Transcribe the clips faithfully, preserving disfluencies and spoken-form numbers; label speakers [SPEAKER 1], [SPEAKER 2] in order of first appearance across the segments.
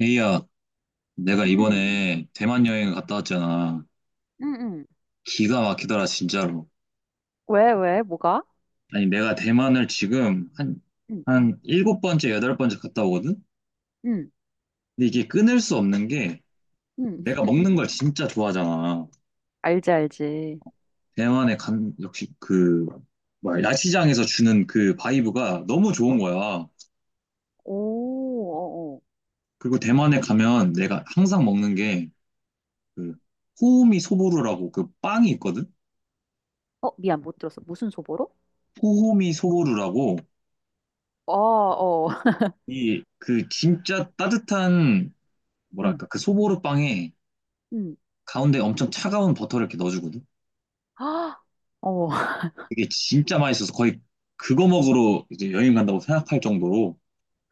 [SPEAKER 1] 에이야, 내가
[SPEAKER 2] 응,
[SPEAKER 1] 이번에 대만 여행을 갔다 왔잖아.
[SPEAKER 2] 응, 응.
[SPEAKER 1] 기가 막히더라, 진짜로.
[SPEAKER 2] 왜, 왜, 뭐가?
[SPEAKER 1] 아니, 내가 대만을 지금 한,
[SPEAKER 2] 응,
[SPEAKER 1] 한 일곱 번째, 여덟 번째 갔다 오거든?
[SPEAKER 2] 응,
[SPEAKER 1] 근데 이게 끊을 수 없는 게
[SPEAKER 2] 응.
[SPEAKER 1] 내가 먹는 걸 진짜 좋아하잖아.
[SPEAKER 2] 알지, 알지.
[SPEAKER 1] 대만에 간, 역시 그, 뭐야, 야시장에서 주는 그 바이브가 너무 좋은 거야.
[SPEAKER 2] 오, 어,
[SPEAKER 1] 그리고 대만에 가면 내가 항상 먹는 게 그, 호우미 소보루라고 그 빵이 있거든?
[SPEAKER 2] 어. 어, 미안, 못 들었어. 무슨 소보로?
[SPEAKER 1] 호호미 소보루라고
[SPEAKER 2] 어, 어.
[SPEAKER 1] 이, 그, 진짜 따뜻한
[SPEAKER 2] 응,
[SPEAKER 1] 뭐랄까 그 소보루 빵에
[SPEAKER 2] 응,
[SPEAKER 1] 가운데 엄청 차가운 버터를 이렇게 넣어주거든.
[SPEAKER 2] 아, 어,
[SPEAKER 1] 그게 진짜 맛있어서 거의 그거 먹으러 이제 여행 간다고 생각할 정도로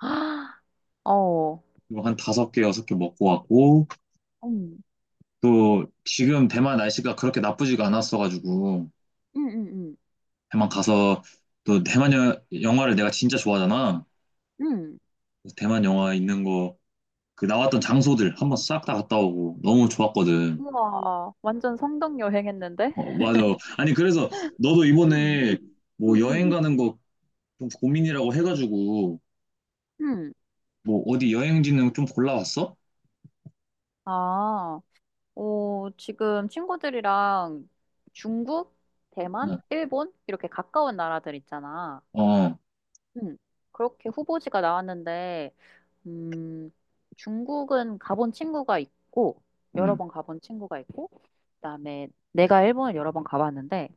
[SPEAKER 2] 아, 어.
[SPEAKER 1] 이거 한 다섯 개 여섯 개 먹고 왔고
[SPEAKER 2] 응,
[SPEAKER 1] 또 지금 대만 날씨가 그렇게 나쁘지가 않았어가지고
[SPEAKER 2] 응, 응, 응,
[SPEAKER 1] 대만 가서 또 대만 여- 영화를 내가 진짜 좋아하잖아.
[SPEAKER 2] 응.
[SPEAKER 1] 그래서 대만 영화 있는 거 그 나왔던 장소들 한번 싹 다 갔다 오고 너무 좋았거든.
[SPEAKER 2] 우와, 완전 성덕 여행했는데?
[SPEAKER 1] 어, 맞아. 아니 그래서 너도
[SPEAKER 2] 응,
[SPEAKER 1] 이번에
[SPEAKER 2] 응,
[SPEAKER 1] 뭐 여행
[SPEAKER 2] 응,
[SPEAKER 1] 가는 거 좀 고민이라고 해가지고
[SPEAKER 2] 응.
[SPEAKER 1] 뭐 어디 여행지는 좀 골라왔어?
[SPEAKER 2] 아, 오, 지금 친구들이랑 중국, 대만,
[SPEAKER 1] 응.
[SPEAKER 2] 일본 이렇게 가까운 나라들 있잖아.
[SPEAKER 1] 어,
[SPEAKER 2] 음, 그렇게 후보지가 나왔는데, 음, 중국은 가본 친구가 있고, 여러
[SPEAKER 1] 음.
[SPEAKER 2] 번 가본 친구가 있고, 그다음에 내가 일본을 여러 번 가봤는데,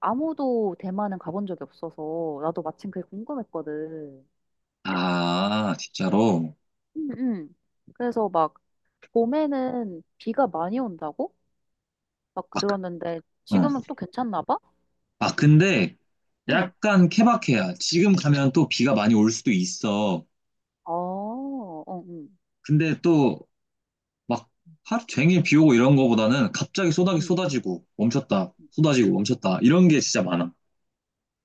[SPEAKER 2] 아무도 대만은 가본 적이 없어서, 나도 마침 그게 궁금했거든.
[SPEAKER 1] 아, 진짜로.
[SPEAKER 2] 음, 음. 그래서 막, 봄에는 비가 많이 온다고? 막
[SPEAKER 1] 아, 그-
[SPEAKER 2] 들었는데,
[SPEAKER 1] 어.
[SPEAKER 2] 지금은 또 괜찮나 봐?
[SPEAKER 1] 아, 근데
[SPEAKER 2] 응.
[SPEAKER 1] 약간 케바케야. 지금 가면 또 비가 많이 올 수도 있어.
[SPEAKER 2] 어, 어, 응.
[SPEAKER 1] 근데 또 막 하루 종일 비 오고 이런 거보다는 갑자기 쏟아,
[SPEAKER 2] 응.
[SPEAKER 1] 쏟아지고 멈췄다, 쏟아지고 멈췄다 이런 게 진짜 많아.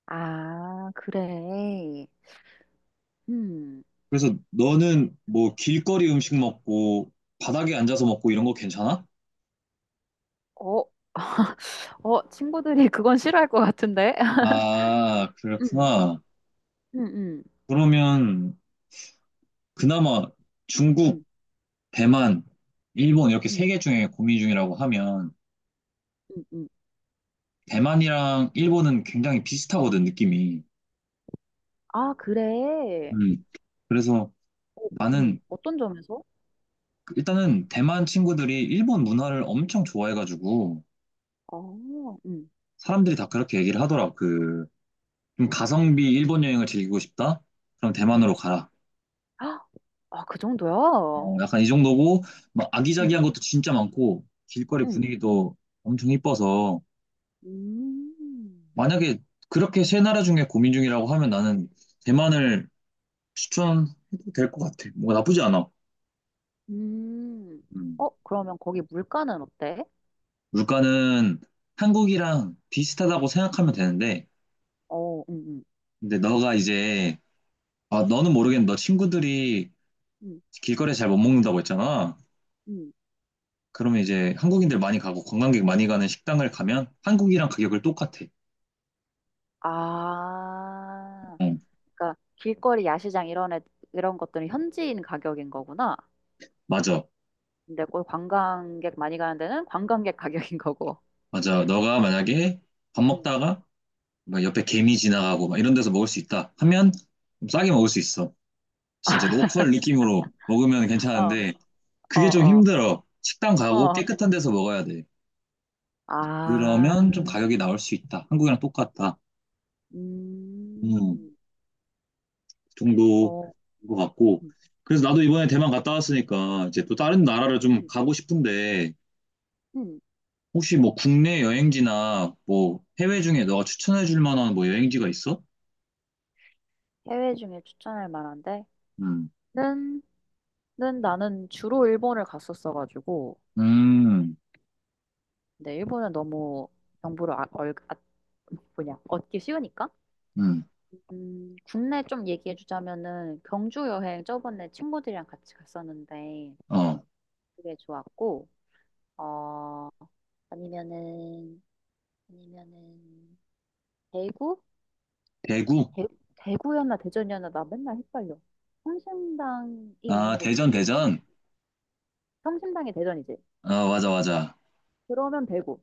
[SPEAKER 2] 아, 그래. 음.
[SPEAKER 1] 그래서 너는 뭐 길거리 음식 먹고 바닥에 앉아서 먹고 이런 거 괜찮아?
[SPEAKER 2] 어, 어, 친구들이 그건 싫어할 것 같은데?
[SPEAKER 1] 아,
[SPEAKER 2] 응,
[SPEAKER 1] 그렇구나.
[SPEAKER 2] 응, 응,
[SPEAKER 1] 그러면 그나마 중국
[SPEAKER 2] 응,
[SPEAKER 1] 대만, 일본 이렇게
[SPEAKER 2] 응,
[SPEAKER 1] 세 개 중에 고민 중이라고 하면
[SPEAKER 2] 응, 응.
[SPEAKER 1] 대만이랑 일본은 굉장히 비슷하거든, 느낌이.
[SPEAKER 2] 아, 그래.
[SPEAKER 1] 음. 그래서
[SPEAKER 2] 어, 응,
[SPEAKER 1] 나는
[SPEAKER 2] 어떤 점에서?
[SPEAKER 1] 일단은 대만 친구들이 일본 문화를 엄청 좋아해가지고
[SPEAKER 2] 아, 응,
[SPEAKER 1] 사람들이 다 그렇게 얘기를 하더라. 그, 좀 가성비 일본 여행을 즐기고 싶다? 그럼
[SPEAKER 2] 응,
[SPEAKER 1] 대만으로 가라.
[SPEAKER 2] 아, 아, 그 정도야?
[SPEAKER 1] 어, 약간 이 정도고, 막
[SPEAKER 2] 응,
[SPEAKER 1] 아기자기한 것도 진짜 많고, 길거리
[SPEAKER 2] 응.
[SPEAKER 1] 분위기도 엄청 이뻐서,
[SPEAKER 2] 음,
[SPEAKER 1] 만약에 그렇게 세 나라 중에 고민 중이라고 하면 나는 대만을 추천해도 될 것 같아. 뭐 나쁘지 않아.
[SPEAKER 2] 음.
[SPEAKER 1] 음.
[SPEAKER 2] 어, 그러면 거기 물가는 어때?
[SPEAKER 1] 물가는 한국이랑 비슷하다고 생각하면 되는데,
[SPEAKER 2] 어, 응, 응,
[SPEAKER 1] 근데 너가 이제, 아, 너는 모르겠는데, 너 친구들이
[SPEAKER 2] 응,
[SPEAKER 1] 길거리에 잘 못 먹는다고 했잖아.
[SPEAKER 2] 응.
[SPEAKER 1] 그러면 이제 한국인들 많이 가고 관광객 많이 가는 식당을 가면 한국이랑 가격을 똑같아.
[SPEAKER 2] 아,
[SPEAKER 1] 응,
[SPEAKER 2] 그러니까 길거리 야시장 이런 애, 이런 것들은 현지인 가격인 거구나.
[SPEAKER 1] 맞아.
[SPEAKER 2] 근데 꼭 관광객 많이 가는 데는 관광객 가격인 거고.
[SPEAKER 1] 맞아. 너가 만약에 밥
[SPEAKER 2] 음.
[SPEAKER 1] 먹다가 막 옆에 개미 지나가고 막 이런 데서 먹을 수 있다 하면 좀 싸게 먹을 수 있어. 진짜 로컬 느낌으로 먹으면
[SPEAKER 2] 어,
[SPEAKER 1] 괜찮은데,
[SPEAKER 2] 어,
[SPEAKER 1] 그게 좀
[SPEAKER 2] 어,
[SPEAKER 1] 힘들어. 식당 가고
[SPEAKER 2] 어.
[SPEAKER 1] 깨끗한 데서 먹어야 돼.
[SPEAKER 2] 아,
[SPEAKER 1] 그러면 좀 가격이 나올 수 있다. 한국이랑 똑같다. 음,
[SPEAKER 2] 음,
[SPEAKER 1] 그 정도인
[SPEAKER 2] 어,
[SPEAKER 1] 것 같고.
[SPEAKER 2] 음,
[SPEAKER 1] 그래서 나도 이번에 대만 갔다 왔으니까 이제 또 다른 나라를
[SPEAKER 2] 음,
[SPEAKER 1] 좀
[SPEAKER 2] 음.
[SPEAKER 1] 가고 싶은데
[SPEAKER 2] 음.
[SPEAKER 1] 혹시 뭐 국내 여행지나 뭐
[SPEAKER 2] 음.
[SPEAKER 1] 해외 중에 너가 추천해 줄 만한 뭐 여행지가 있어?
[SPEAKER 2] 해외 중에 추천할 만한데?
[SPEAKER 1] 음,
[SPEAKER 2] 는, 는 나는 주로 일본을 갔었어가지고.
[SPEAKER 1] 음,
[SPEAKER 2] 근데 일본은 너무 정보를 아, 얼, 아, 뭐냐, 얻기 쉬우니까?
[SPEAKER 1] 음,
[SPEAKER 2] 음, 국내 좀 얘기해주자면은 경주 여행 저번에 친구들이랑 같이 갔었는데
[SPEAKER 1] 어,
[SPEAKER 2] 그게 좋았고, 어, 아니면은 아니면은 대구?
[SPEAKER 1] 대구?
[SPEAKER 2] 대, 대구였나 대전이었나 나 맨날 헷갈려. 성심당이
[SPEAKER 1] 아,
[SPEAKER 2] 있는 곳이
[SPEAKER 1] 대전,
[SPEAKER 2] 어디였지?
[SPEAKER 1] 대전?
[SPEAKER 2] 성심당이 대전이지.
[SPEAKER 1] 아, 맞아, 맞아.
[SPEAKER 2] 그러면 대구.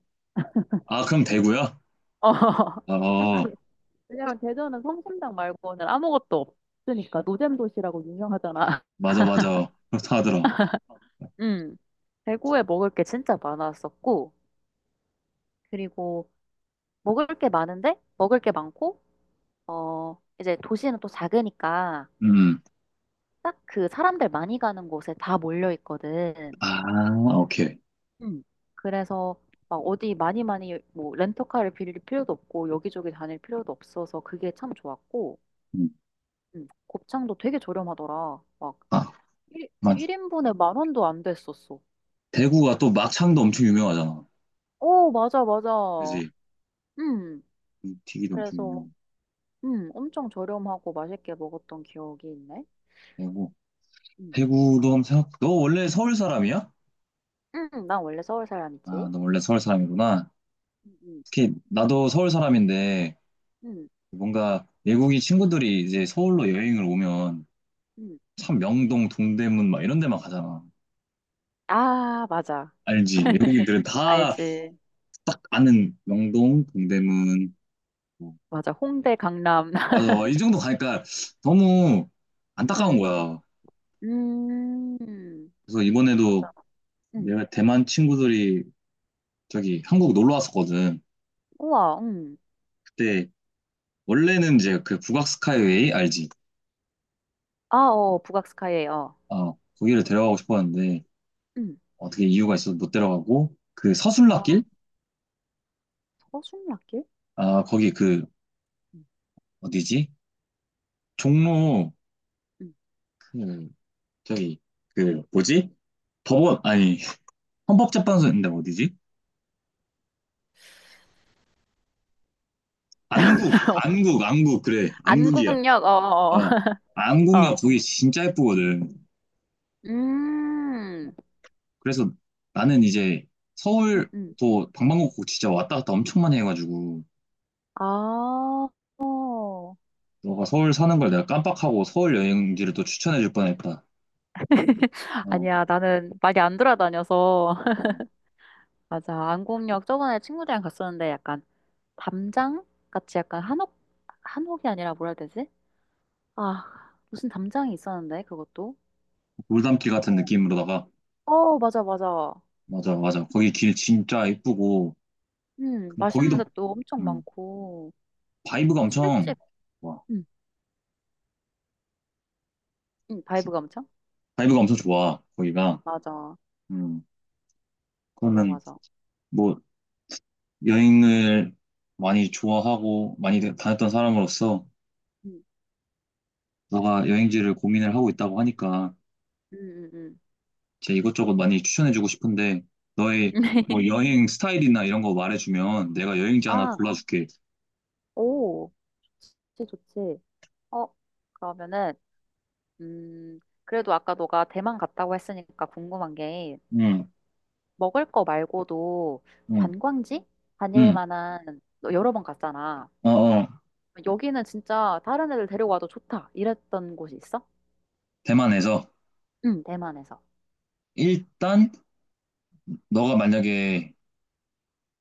[SPEAKER 1] 아, 그럼 대구야?
[SPEAKER 2] 어.
[SPEAKER 1] 어, 어.
[SPEAKER 2] 왜냐면 대전은 성심당 말고는 아무것도 없으니까 노잼 도시라고 유명하잖아.
[SPEAKER 1] 맞아, 맞아. 그렇다 하더라.
[SPEAKER 2] 음. 대구에 먹을 게 진짜 많았었고 그리고 먹을 게 많은데 먹을 게 많고 어 이제 도시는 또 작으니까
[SPEAKER 1] 음.
[SPEAKER 2] 딱 그 사람들 많이 가는 곳에 다 몰려 있거든.
[SPEAKER 1] 아, 오케이.
[SPEAKER 2] 음. 그래서 막 어디 많이 많이 뭐 렌터카를 빌릴 필요도 없고 여기저기 다닐 필요도 없어서 그게 참 좋았고
[SPEAKER 1] 음.
[SPEAKER 2] 음, 곱창도 되게 저렴하더라. 막
[SPEAKER 1] 아,
[SPEAKER 2] 일,
[SPEAKER 1] 맞.
[SPEAKER 2] 일인분에만 원도 안 됐었어.
[SPEAKER 1] 대구가 또 막창도 엄청 유명하잖아.
[SPEAKER 2] 오, 맞아, 맞아.
[SPEAKER 1] 그지?
[SPEAKER 2] 음,
[SPEAKER 1] 음, 튀기도 엄청
[SPEAKER 2] 그래서
[SPEAKER 1] 유명하고.
[SPEAKER 2] 음, 엄청 저렴하고 맛있게 먹었던 기억이 있네.
[SPEAKER 1] 대구.
[SPEAKER 2] 음.
[SPEAKER 1] 대구도 한번 생각, 너 원래 서울 사람이야?
[SPEAKER 2] 음, 난 원래 서울
[SPEAKER 1] 아,
[SPEAKER 2] 사람이지.
[SPEAKER 1] 너 원래 서울 사람이구나.
[SPEAKER 2] 음. 음.
[SPEAKER 1] 특히 나도 서울 사람인데
[SPEAKER 2] 음,
[SPEAKER 1] 뭔가 외국인 친구들이 이제 서울로 여행을 오면
[SPEAKER 2] 음.
[SPEAKER 1] 참 명동, 동대문 막 이런 데만 가잖아.
[SPEAKER 2] 아, 맞아.
[SPEAKER 1] 알지? 외국인들은 다
[SPEAKER 2] 알지.
[SPEAKER 1] 딱 아는 명동, 동대문. 뭐.
[SPEAKER 2] 맞아. 홍대, 강남.
[SPEAKER 1] 맞아. 이 정도 가니까 너무 안타까운
[SPEAKER 2] 음.
[SPEAKER 1] 거야.
[SPEAKER 2] 음.
[SPEAKER 1] 그래서 이번에도
[SPEAKER 2] 맞아. 응.
[SPEAKER 1] 내가 대만 친구들이 저기 한국 놀러 왔었거든.
[SPEAKER 2] 우와, 응.
[SPEAKER 1] 그때 원래는 이제 그 북악 스카이웨이 알지?
[SPEAKER 2] 아, 어, 북악스카이, 어.
[SPEAKER 1] 아, 거기를 데려가고 싶었는데
[SPEAKER 2] 응.
[SPEAKER 1] 어떻게 이유가 있어서 못 데려가고 그
[SPEAKER 2] 아,
[SPEAKER 1] 서순라길?
[SPEAKER 2] 서순례길?
[SPEAKER 1] 아, 거기 그
[SPEAKER 2] 응.
[SPEAKER 1] 어디지? 종로
[SPEAKER 2] 응.
[SPEAKER 1] 그 저기 그 뭐지? 법원 아니 헌법재판소인데 어디지? 안국 안국 안국 그래 안국이야.
[SPEAKER 2] 안국역, 어, 어,
[SPEAKER 1] 어
[SPEAKER 2] 어. 어.
[SPEAKER 1] 안국역 거기 진짜 예쁘거든.
[SPEAKER 2] 음,
[SPEAKER 1] 그래서 나는 이제
[SPEAKER 2] 응. 응.
[SPEAKER 1] 서울도 방방곡곡 진짜 왔다 갔다 엄청 많이 해가지고
[SPEAKER 2] 아, 어.
[SPEAKER 1] 너가 서울 사는 걸 내가 깜빡하고 서울 여행지를 또 추천해줄 뻔했다. 어,
[SPEAKER 2] 아니야, 나는 많이 안 돌아다녀서.
[SPEAKER 1] 어.
[SPEAKER 2] 맞아, 안국역 저번에 친구들이랑 갔었는데 약간 담장 같이 약간 한옥, 한옥이 아니라 뭐라 해야 되지? 아, 무슨 담장이 있었는데, 그것도?
[SPEAKER 1] 돌담길 같은
[SPEAKER 2] 어,
[SPEAKER 1] 느낌으로다가
[SPEAKER 2] 어, 맞아, 맞아.
[SPEAKER 1] 맞아 맞아 거기 길 진짜 이쁘고
[SPEAKER 2] 음, 맛있는
[SPEAKER 1] 거기도
[SPEAKER 2] 데도 엄청
[SPEAKER 1] 음,
[SPEAKER 2] 많고,
[SPEAKER 1] 바이브가 엄청
[SPEAKER 2] 술집,
[SPEAKER 1] 좋아.
[SPEAKER 2] 음, 음, 바이브가 엄청?
[SPEAKER 1] 바이브가 엄청 좋아 거기가.
[SPEAKER 2] 맞아,
[SPEAKER 1] 음,
[SPEAKER 2] 맞아,
[SPEAKER 1] 그러면
[SPEAKER 2] 맞아.
[SPEAKER 1] 뭐 여행을 많이 좋아하고 많이 다녔던 사람으로서
[SPEAKER 2] 음,
[SPEAKER 1] 너가 여행지를 고민을 하고 있다고 하니까.
[SPEAKER 2] 음, 음,
[SPEAKER 1] 제 이것저것 많이 추천해주고 싶은데 너의
[SPEAKER 2] 음.
[SPEAKER 1] 뭐 여행 스타일이나 이런 거 말해주면 내가 여행지 하나
[SPEAKER 2] 아,
[SPEAKER 1] 골라줄게.
[SPEAKER 2] 오, 좋지, 좋지. 어, 그러면은, 음, 그래도 아까 너가 대만 갔다고 했으니까 궁금한 게,
[SPEAKER 1] 응,
[SPEAKER 2] 먹을 거 말고도
[SPEAKER 1] 응,
[SPEAKER 2] 관광지? 다닐
[SPEAKER 1] 응.
[SPEAKER 2] 만한, 너 여러 번 갔잖아.
[SPEAKER 1] 어, 어.
[SPEAKER 2] 여기는 진짜 다른 애들 데려와도 좋다. 이랬던 곳이 있어?
[SPEAKER 1] 대만에서
[SPEAKER 2] 응, 대만에서.
[SPEAKER 1] 일단 너가 만약에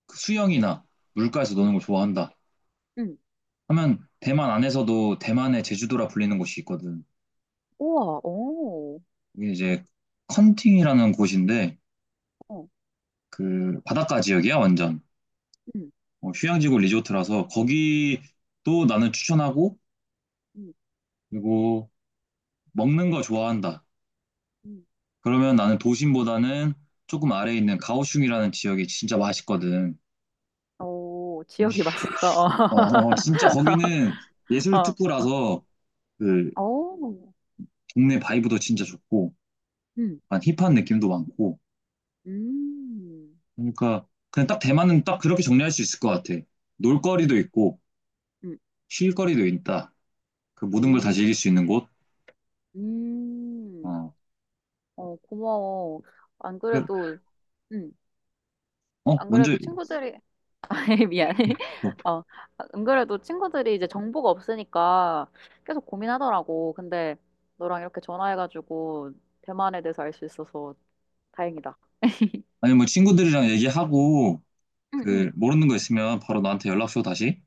[SPEAKER 1] 그 수영이나 물가에서
[SPEAKER 2] 응,
[SPEAKER 1] 노는 걸 좋아한다
[SPEAKER 2] 응.
[SPEAKER 1] 하면 대만 안에서도 대만의 제주도라 불리는 곳이 있거든.
[SPEAKER 2] 우와, 오.
[SPEAKER 1] 이게 이제 컨팅이라는 곳인데
[SPEAKER 2] 어.
[SPEAKER 1] 그 바닷가 지역이야 완전
[SPEAKER 2] 음,
[SPEAKER 1] 어, 휴양지고 리조트라서 거기도 나는 추천하고
[SPEAKER 2] 음,
[SPEAKER 1] 그리고 먹는 거 좋아한다.
[SPEAKER 2] 음.
[SPEAKER 1] 그러면 나는 도심보다는 조금 아래에 있는 가오슝이라는 지역이 진짜 맛있거든.
[SPEAKER 2] 오,
[SPEAKER 1] 음식-
[SPEAKER 2] 지역이 맛있어.
[SPEAKER 1] 어, 진짜 거기는 예술
[SPEAKER 2] 어,
[SPEAKER 1] 특구라서 그
[SPEAKER 2] 어, 오,
[SPEAKER 1] 동네 바이브도 진짜 좋고,
[SPEAKER 2] 음,
[SPEAKER 1] 약간 힙한 느낌도 많고.
[SPEAKER 2] 음,
[SPEAKER 1] 그러니까 그냥 딱 대만은 딱 그렇게 정리할 수 있을 것 같아.
[SPEAKER 2] 음,
[SPEAKER 1] 놀거리도 있고,
[SPEAKER 2] 음,
[SPEAKER 1] 쉴거리도 있다. 그 모든 걸 다
[SPEAKER 2] 음,
[SPEAKER 1] 즐길 수 있는 곳.
[SPEAKER 2] 음.
[SPEAKER 1] 어,
[SPEAKER 2] 어, 고마워. 안
[SPEAKER 1] 그-
[SPEAKER 2] 그래도, 음,
[SPEAKER 1] 어,
[SPEAKER 2] 안
[SPEAKER 1] 먼저,
[SPEAKER 2] 그래도 친구들이, 미안해.
[SPEAKER 1] 어,
[SPEAKER 2] 어, 안 그래도 친구들이 이제 정보가 없으니까 계속 고민하더라고. 근데 너랑 이렇게 전화해가지고 대만에 대해서 알 수 있어서 다행이다.
[SPEAKER 1] 아니 뭐 친구들이랑 얘기하고,
[SPEAKER 2] 응,
[SPEAKER 1] 그
[SPEAKER 2] 응.
[SPEAKER 1] 모르는 거 있으면 바로 나한테 연락 줘, 다시.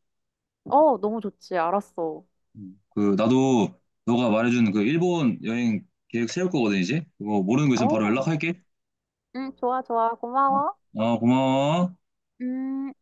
[SPEAKER 2] 어, 너무 좋지. 알았어.
[SPEAKER 1] 음. 그 나도 너가 말해준 그 일본 여행 계획 세울 거거든 이제 그거 모르는 거 있으면 바로
[SPEAKER 2] 어.
[SPEAKER 1] 연락할게
[SPEAKER 2] 응, 좋아, 좋아.
[SPEAKER 1] 어,
[SPEAKER 2] 고마워.
[SPEAKER 1] 어, 고마워
[SPEAKER 2] 음.